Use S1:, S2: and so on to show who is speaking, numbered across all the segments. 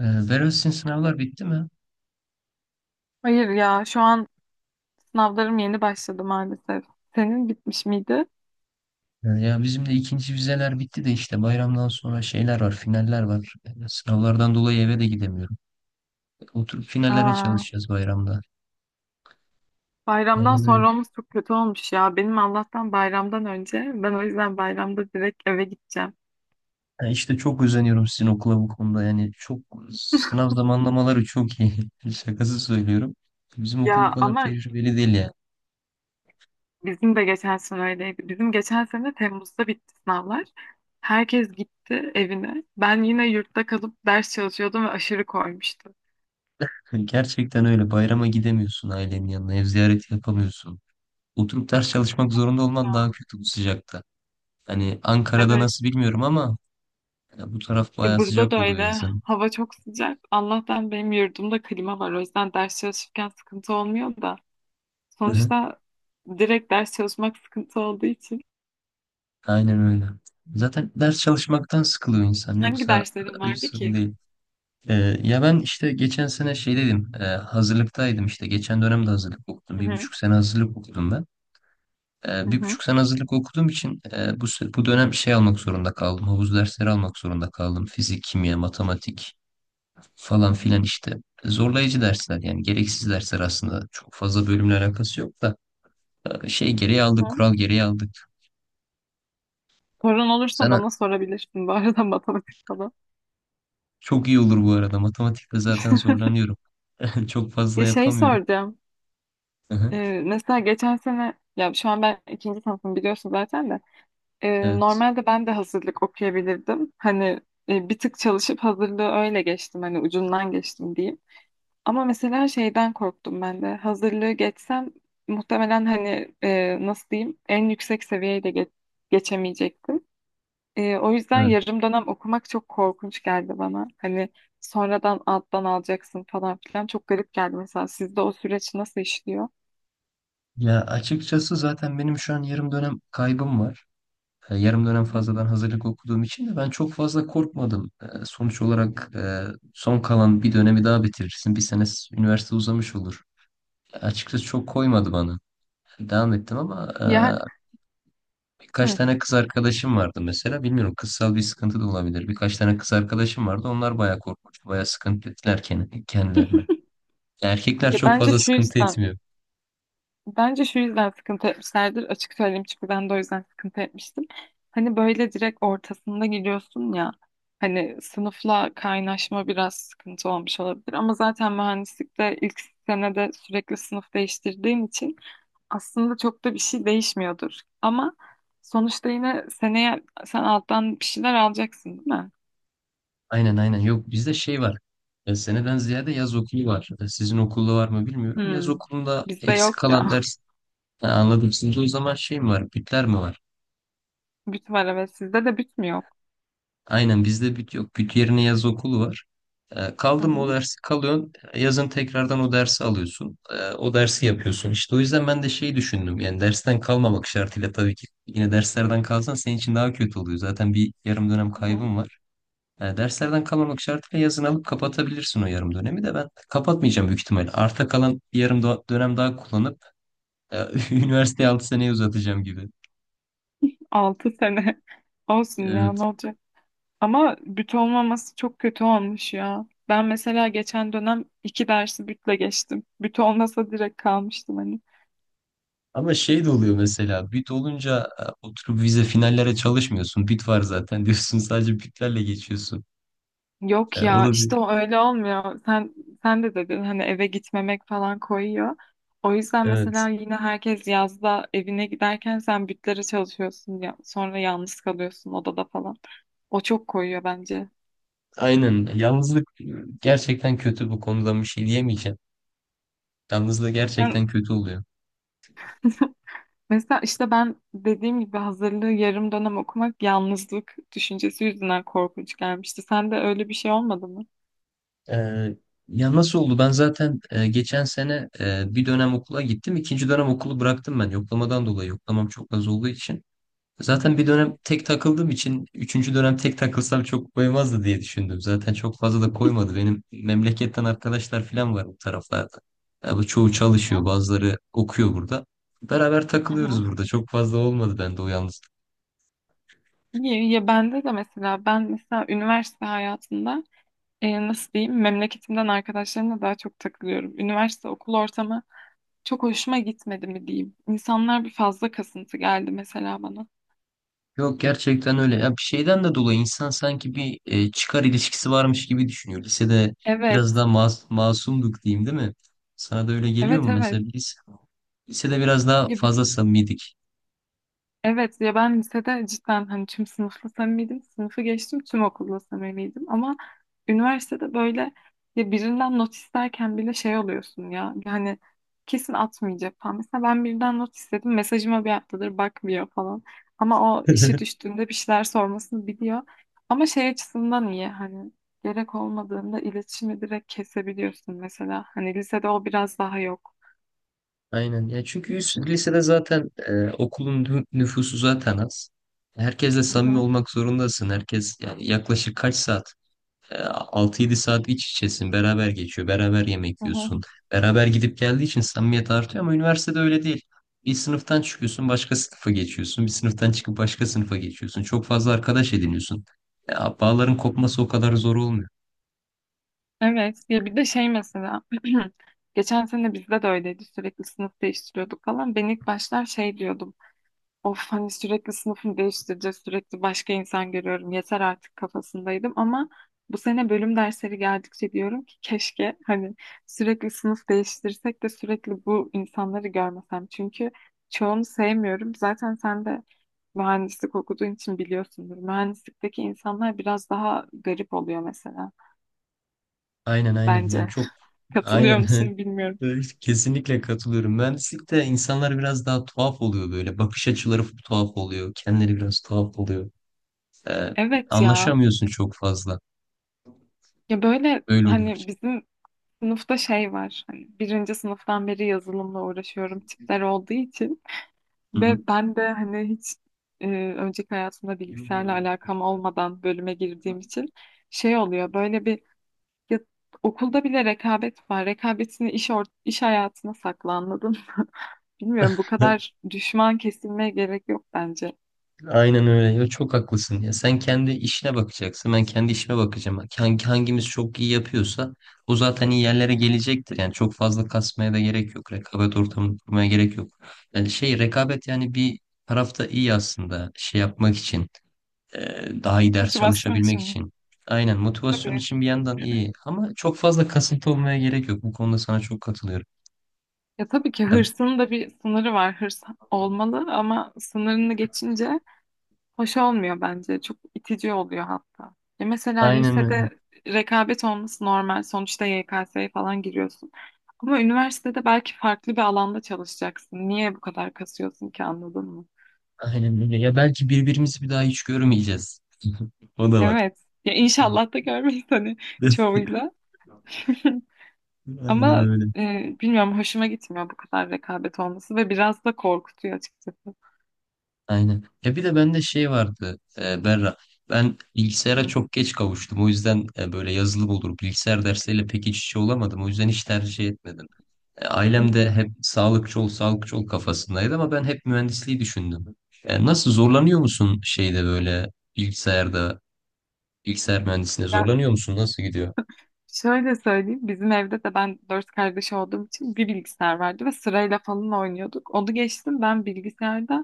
S1: Berat sizin sınavlar bitti mi?
S2: Hayır ya şu an sınavlarım yeni başladı maalesef. Senin bitmiş miydi?
S1: Ya bizim de ikinci vizeler bitti de işte bayramdan sonra şeyler var, finaller var. Sınavlardan dolayı eve de gidemiyorum. Oturup finallere
S2: Aa,
S1: çalışacağız bayramda.
S2: bayramdan
S1: Aynen öyle.
S2: sonra olması çok kötü olmuş ya. Benim Allah'tan bayramdan önce. Ben o yüzden bayramda direkt eve gideceğim.
S1: Ya işte çok özeniyorum sizin okula bu konuda. Yani çok sınav zamanlamaları çok iyi. Şakası söylüyorum. Bizim okul
S2: Ya
S1: bu kadar
S2: ama
S1: tecrübeli değil ya.
S2: bizim de geçen sene öyleydi. Bizim geçen sene Temmuz'da bitti sınavlar. Herkes gitti evine. Ben yine yurtta kalıp ders çalışıyordum ve aşırı koymuştu.
S1: Gerçekten öyle. Bayrama gidemiyorsun ailenin yanına. Ev ziyareti yapamıyorsun. Oturup ders çalışmak zorunda olman daha
S2: Ya,
S1: kötü bu sıcakta. Hani Ankara'da
S2: evet.
S1: nasıl bilmiyorum ama, ya bu taraf
S2: Ya
S1: bayağı
S2: burada
S1: sıcak
S2: da
S1: oluyor
S2: öyle.
S1: yazın.
S2: Hava çok sıcak. Allah'tan benim yurdumda klima var. O yüzden ders çalışırken sıkıntı olmuyor da.
S1: Hı hı.
S2: Sonuçta direkt ders çalışmak sıkıntı olduğu için.
S1: Aynen öyle. Zaten ders çalışmaktan sıkılıyor insan.
S2: Hangi
S1: Yoksa
S2: derslerin
S1: hiç
S2: vardı
S1: sıkıntı
S2: ki?
S1: değil. Ee, Ya ben işte geçen sene şey dedim. Hazırlıktaydım işte. Geçen dönemde hazırlık okudum.
S2: Hı
S1: Bir
S2: hı,
S1: buçuk sene hazırlık okudum ben.
S2: hı
S1: Bir
S2: hı,
S1: buçuk sene hazırlık okuduğum için bu dönem şey almak zorunda kaldım. Havuz dersleri almak zorunda kaldım. Fizik, kimya, matematik falan
S2: hı
S1: filan
S2: hı.
S1: işte. Zorlayıcı dersler yani gereksiz dersler aslında. Çok fazla bölümle alakası yok da, şey gereği aldık,
S2: Hı.
S1: kural gereği aldık.
S2: Sorun olursa
S1: Sen
S2: bana sorabilirsin bu arada matematik falan.
S1: Çok iyi olur bu arada. Matematikte zaten zorlanıyorum. Çok fazla
S2: Ya şey
S1: yapamıyorum.
S2: soracağım.
S1: Hı hı.
S2: Mesela geçen sene ya şu an ben ikinci sınıfım biliyorsun zaten de.
S1: Evet.
S2: Normalde ben de hazırlık okuyabilirdim. Hani bir tık çalışıp hazırlığı öyle geçtim. Hani ucundan geçtim diyeyim. Ama mesela şeyden korktum ben de. Hazırlığı geçsem muhtemelen hani nasıl diyeyim en yüksek seviyeye de geçemeyecektim. O yüzden
S1: Evet.
S2: yarım dönem okumak çok korkunç geldi bana. Hani sonradan alttan alacaksın falan filan çok garip geldi mesela. Sizde o süreç nasıl işliyor?
S1: Ya açıkçası zaten benim şu an yarım dönem kaybım var. Yarım
S2: Hı
S1: dönem
S2: hı.
S1: fazladan hazırlık okuduğum için de ben çok fazla korkmadım. Sonuç olarak, son kalan bir dönemi daha bitirirsin. Bir sene üniversite uzamış olur. Açıkçası çok koymadı bana. Devam ettim ama,
S2: Ya,
S1: birkaç
S2: hı,
S1: tane kız arkadaşım vardı mesela. Bilmiyorum kızsal bir sıkıntı da olabilir. Birkaç tane kız arkadaşım vardı. Onlar bayağı korkmuştu. Bayağı sıkıntı ettiler kendilerine. Erkekler
S2: ya
S1: çok
S2: bence
S1: fazla
S2: şu
S1: sıkıntı
S2: yüzden
S1: etmiyor.
S2: Bence şu yüzden sıkıntı etmişlerdir. Açık söyleyeyim çünkü ben de o yüzden sıkıntı etmiştim. Hani böyle direkt ortasında gidiyorsun ya. Hani sınıfla kaynaşma biraz sıkıntı olmuş olabilir. Ama zaten mühendislikte ilk senede sürekli sınıf değiştirdiğim için aslında çok da bir şey değişmiyordur. Ama sonuçta yine seneye sen alttan bir şeyler alacaksın değil mi?
S1: Aynen aynen. Yok bizde şey var. Seneden ziyade yaz okulu var. Sizin okulda var mı bilmiyorum. Yaz
S2: Hmm.
S1: okulunda
S2: Bizde
S1: eksik
S2: yok
S1: kalan
S2: ya.
S1: ders. Ha, anladım. Sizde o zaman şey mi var? Bütler mi var?
S2: Büt var evet. Sizde de büt mü yok?
S1: Aynen bizde büt yok. Büt yerine yaz okulu var. E,
S2: Hı
S1: kaldı mı o
S2: hı.
S1: dersi kalıyorsun. Yazın tekrardan o dersi alıyorsun. O dersi yapıyorsun. İşte o yüzden ben de şey düşündüm. Yani dersten kalmamak şartıyla tabii ki. Yine derslerden kalsan senin için daha kötü oluyor. Zaten bir yarım dönem
S2: Hı hı.
S1: kaybın var. Derslerden kalmamak şartıyla yazın alıp kapatabilirsin o yarım dönemi. De ben kapatmayacağım büyük ihtimal. Arta kalan bir yarım dönem daha kullanıp, e, üniversiteyi 6 seneye uzatacağım gibi.
S2: 6 sene. Olsun ya
S1: Evet.
S2: ne olacak? Ama büt olmaması çok kötü olmuş ya. Ben mesela geçen dönem iki dersi bütle geçtim. Büt olmasa direkt kalmıştım hani.
S1: Ama şey de oluyor mesela bit olunca, oturup vize finallere çalışmıyorsun. Bit var zaten diyorsun, sadece bitlerle geçiyorsun.
S2: Yok
S1: O
S2: ya
S1: da bir.
S2: işte o öyle olmuyor. Sen de dedin hani eve gitmemek falan koyuyor. O yüzden
S1: Evet.
S2: mesela yine herkes yazda evine giderken sen bütlere çalışıyorsun ya sonra yalnız kalıyorsun odada falan. O çok koyuyor bence.
S1: Aynen. Yalnızlık, gerçekten kötü bu konuda bir şey diyemeyeceğim. Yalnızlık
S2: Sen
S1: gerçekten kötü oluyor.
S2: Mesela işte ben dediğim gibi hazırlığı yarım dönem okumak yalnızlık düşüncesi yüzünden korkunç gelmişti. Sen de öyle bir şey olmadı mı?
S1: Ee, Ya nasıl oldu? Ben zaten, geçen sene, bir dönem okula gittim. İkinci dönem okulu bıraktım ben yoklamadan dolayı. Yoklamam çok az olduğu için. Zaten bir dönem tek takıldığım için üçüncü dönem tek takılsam çok koymazdı diye düşündüm. Zaten çok fazla da koymadı. Benim memleketten arkadaşlar falan var bu taraflarda. Ya bu çoğu
S2: Hı
S1: çalışıyor,
S2: hı.
S1: bazıları okuyor burada. Beraber
S2: Hı hı.
S1: takılıyoruz burada. Çok fazla olmadı bende o yalnızlık.
S2: Ya, bende de mesela ben mesela üniversite hayatında nasıl diyeyim memleketimden arkadaşlarımla daha çok takılıyorum. Üniversite okul ortamı çok hoşuma gitmedi mi diyeyim. İnsanlar bir fazla kasıntı geldi mesela bana.
S1: Yok gerçekten öyle. Ya bir şeyden de dolayı insan sanki bir, çıkar ilişkisi varmış gibi düşünüyor. Lisede
S2: Evet,
S1: biraz daha masumduk diyeyim değil mi? Sana da öyle geliyor
S2: evet,
S1: mu
S2: evet.
S1: mesela biz? Lisede biraz daha
S2: Ya bir
S1: fazla
S2: de
S1: samimiydik.
S2: Evet ya ben lisede cidden hani tüm sınıfla samimiydim. Sınıfı geçtim tüm okulla samimiydim. Ama üniversitede böyle ya birinden not isterken bile şey oluyorsun ya. Yani kesin atmayacak falan. Mesela ben birinden not istedim. Mesajıma bir haftadır bakmıyor falan. Ama o işi düştüğünde bir şeyler sormasını biliyor. Ama şey açısından iyi hani gerek olmadığında iletişimi direkt kesebiliyorsun mesela. Hani lisede o biraz daha yok.
S1: Aynen. Ya çünkü lisede zaten, okulun nüfusu zaten az. Herkesle
S2: Hı
S1: samimi
S2: hı.
S1: olmak zorundasın. Herkes yani yaklaşık kaç saat? 6-7 saat iç içesin, beraber geçiyor, beraber yemek
S2: Hı hı.
S1: yiyorsun. Beraber gidip geldiği için samimiyet artıyor ama üniversitede öyle değil. Bir sınıftan çıkıyorsun, başka sınıfa geçiyorsun. Bir sınıftan çıkıp başka sınıfa geçiyorsun. Çok fazla arkadaş ediniyorsun. Ya, bağların kopması o kadar zor olmuyor.
S2: Evet ya bir de şey mesela geçen sene bizde de öyleydi sürekli sınıf değiştiriyorduk falan ben ilk başlar şey diyordum of hani sürekli sınıfını değiştireceğiz sürekli başka insan görüyorum yeter artık kafasındaydım ama bu sene bölüm dersleri geldikçe diyorum ki keşke hani sürekli sınıf değiştirsek de sürekli bu insanları görmesem çünkü çoğunu sevmiyorum zaten sen de mühendislik okuduğun için biliyorsundur mühendislikteki insanlar biraz daha garip oluyor mesela
S1: Aynen aynen yani
S2: bence.
S1: çok
S2: Katılıyor
S1: aynen.
S2: musun bilmiyorum.
S1: Evet, kesinlikle katılıyorum. Mühendislikte insanlar biraz daha tuhaf oluyor böyle. Bakış açıları tuhaf oluyor. Kendileri biraz tuhaf oluyor. Ee,
S2: Evet ya.
S1: Anlaşamıyorsun çok fazla.
S2: Ya böyle
S1: Öyle oluyor.
S2: hani bizim sınıfta şey var. Hani birinci sınıftan beri yazılımla uğraşıyorum
S1: Hı
S2: tipler olduğu için.
S1: hı.
S2: Ve ben de hani hiç e, önceki hayatımda bilgisayarla alakam olmadan bölüme girdiğim için şey oluyor. Böyle bir ya, okulda bile rekabet var. Rekabetini iş hayatına sakla anladın mı? Bilmiyorum bu
S1: Evet,
S2: kadar düşman kesilmeye gerek yok bence.
S1: aynen öyle. Ya çok haklısın ya. Sen kendi işine bakacaksın. Ben kendi işime bakacağım. Hangimiz çok iyi yapıyorsa o zaten iyi yerlere gelecektir. Yani çok fazla kasmaya da gerek yok. Rekabet ortamını kurmaya gerek yok. Yani şey rekabet yani bir tarafta iyi aslında şey yapmak için. Daha iyi ders
S2: Motivasyon için
S1: çalışabilmek
S2: mi?
S1: için. Aynen motivasyon
S2: Tabii.
S1: için bir yandan iyi. Ama çok fazla kasıntı olmaya gerek yok. Bu konuda sana çok katılıyorum.
S2: Ya tabii ki
S1: Ya,
S2: hırsın da bir sınırı var. Hırs olmalı ama sınırını geçince hoş olmuyor bence. Çok itici oluyor hatta. Ya mesela
S1: aynen öyle.
S2: lisede rekabet olması normal. Sonuçta YKS'ye falan giriyorsun. Ama üniversitede belki farklı bir alanda çalışacaksın. Niye bu kadar kasıyorsun ki anladın mı?
S1: Aynen öyle. Ya belki birbirimizi bir daha hiç görmeyeceğiz. O da var.
S2: Evet. Ya inşallah da görmeyiz hani çoğuyla.
S1: Aynen
S2: Ama
S1: öyle.
S2: bilmiyorum hoşuma gitmiyor bu kadar rekabet olması ve biraz da korkutuyor açıkçası.
S1: Aynen. Ya bir de bende şey vardı, Berra. Ben bilgisayara
S2: Hı.
S1: çok geç kavuştum. O yüzden, böyle yazılım olur. Bilgisayar dersleriyle pek iç içe olamadım. O yüzden hiç tercih etmedim. Ailem de hep sağlıkçı ol, sağlıkçı ol kafasındaydı ama ben hep mühendisliği düşündüm. Nasıl zorlanıyor musun şeyde böyle bilgisayarda, bilgisayar mühendisliğinde
S2: Ya
S1: zorlanıyor musun? Nasıl gidiyor?
S2: Şöyle söyleyeyim, bizim evde de ben dört kardeş olduğum için bir bilgisayar vardı ve sırayla falan oynuyorduk. Onu geçtim ben bilgisayarda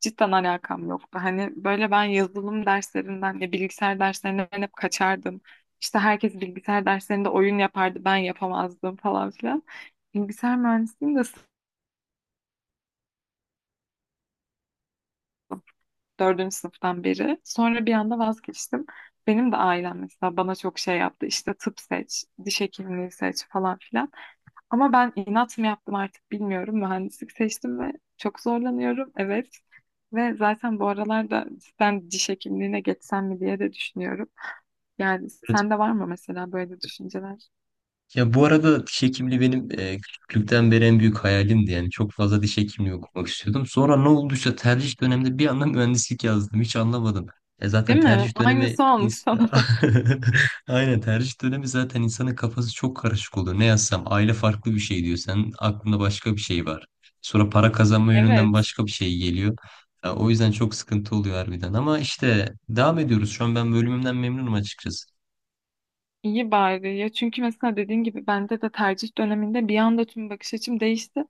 S2: cidden alakam yoktu. Hani böyle ben yazılım derslerinden ya bilgisayar derslerinden hep kaçardım. İşte herkes bilgisayar derslerinde oyun yapardı, ben yapamazdım falan filan. Bilgisayar mühendisliğini de dördüncü sınıftan beri. Sonra bir anda vazgeçtim. Benim de ailem mesela bana çok şey yaptı. İşte tıp seç, diş hekimliği seç falan filan. Ama ben inat mı yaptım artık bilmiyorum. Mühendislik seçtim ve çok zorlanıyorum. Evet. Ve zaten bu aralarda cidden diş hekimliğine geçsem mi diye de düşünüyorum. Yani sende var mı mesela böyle düşünceler?
S1: Ya bu arada diş hekimliği benim, küçüklükten beri en büyük hayalimdi. Yani çok fazla diş hekimliği okumak istiyordum. Sonra ne olduysa tercih döneminde bir anda mühendislik yazdım. Hiç anlamadım.
S2: Değil
S1: Zaten
S2: mi?
S1: tercih dönemi
S2: Aynısı olmuş sana da.
S1: Aynen tercih dönemi zaten insanın kafası çok karışık oluyor. Ne yazsam aile farklı bir şey diyor. Senin aklında başka bir şey var. Sonra para kazanma yönünden
S2: Evet.
S1: başka bir şey geliyor. Ya o yüzden çok sıkıntı oluyor harbiden. Ama işte devam ediyoruz. Şu an ben bölümümden memnunum açıkçası.
S2: İyi bari ya çünkü mesela dediğin gibi bende de tercih döneminde bir anda tüm bakış açım değişti.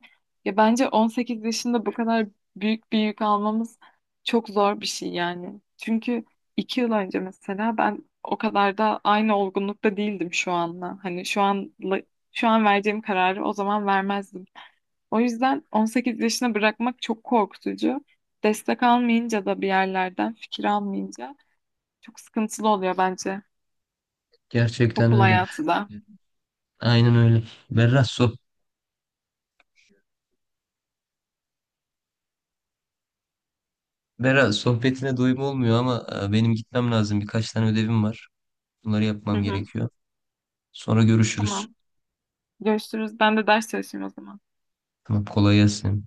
S2: Ya bence 18 yaşında bu kadar büyük bir yük almamız çok zor bir şey yani. Çünkü 2 yıl önce mesela ben o kadar da aynı olgunlukta değildim şu anla. Hani şu an vereceğim kararı o zaman vermezdim. O yüzden 18 yaşına bırakmak çok korkutucu. Destek almayınca da bir yerlerden fikir almayınca çok sıkıntılı oluyor bence
S1: Gerçekten
S2: okul
S1: öyle.
S2: hayatı da.
S1: Aynen öyle. Berra, Berra sohbetine doyum olmuyor ama, benim gitmem lazım. Birkaç tane ödevim var. Bunları
S2: Hı
S1: yapmam
S2: hı,
S1: gerekiyor. Sonra görüşürüz.
S2: tamam. Görüşürüz. Ben de ders çalışayım o zaman.
S1: Tamam, kolay gelsin.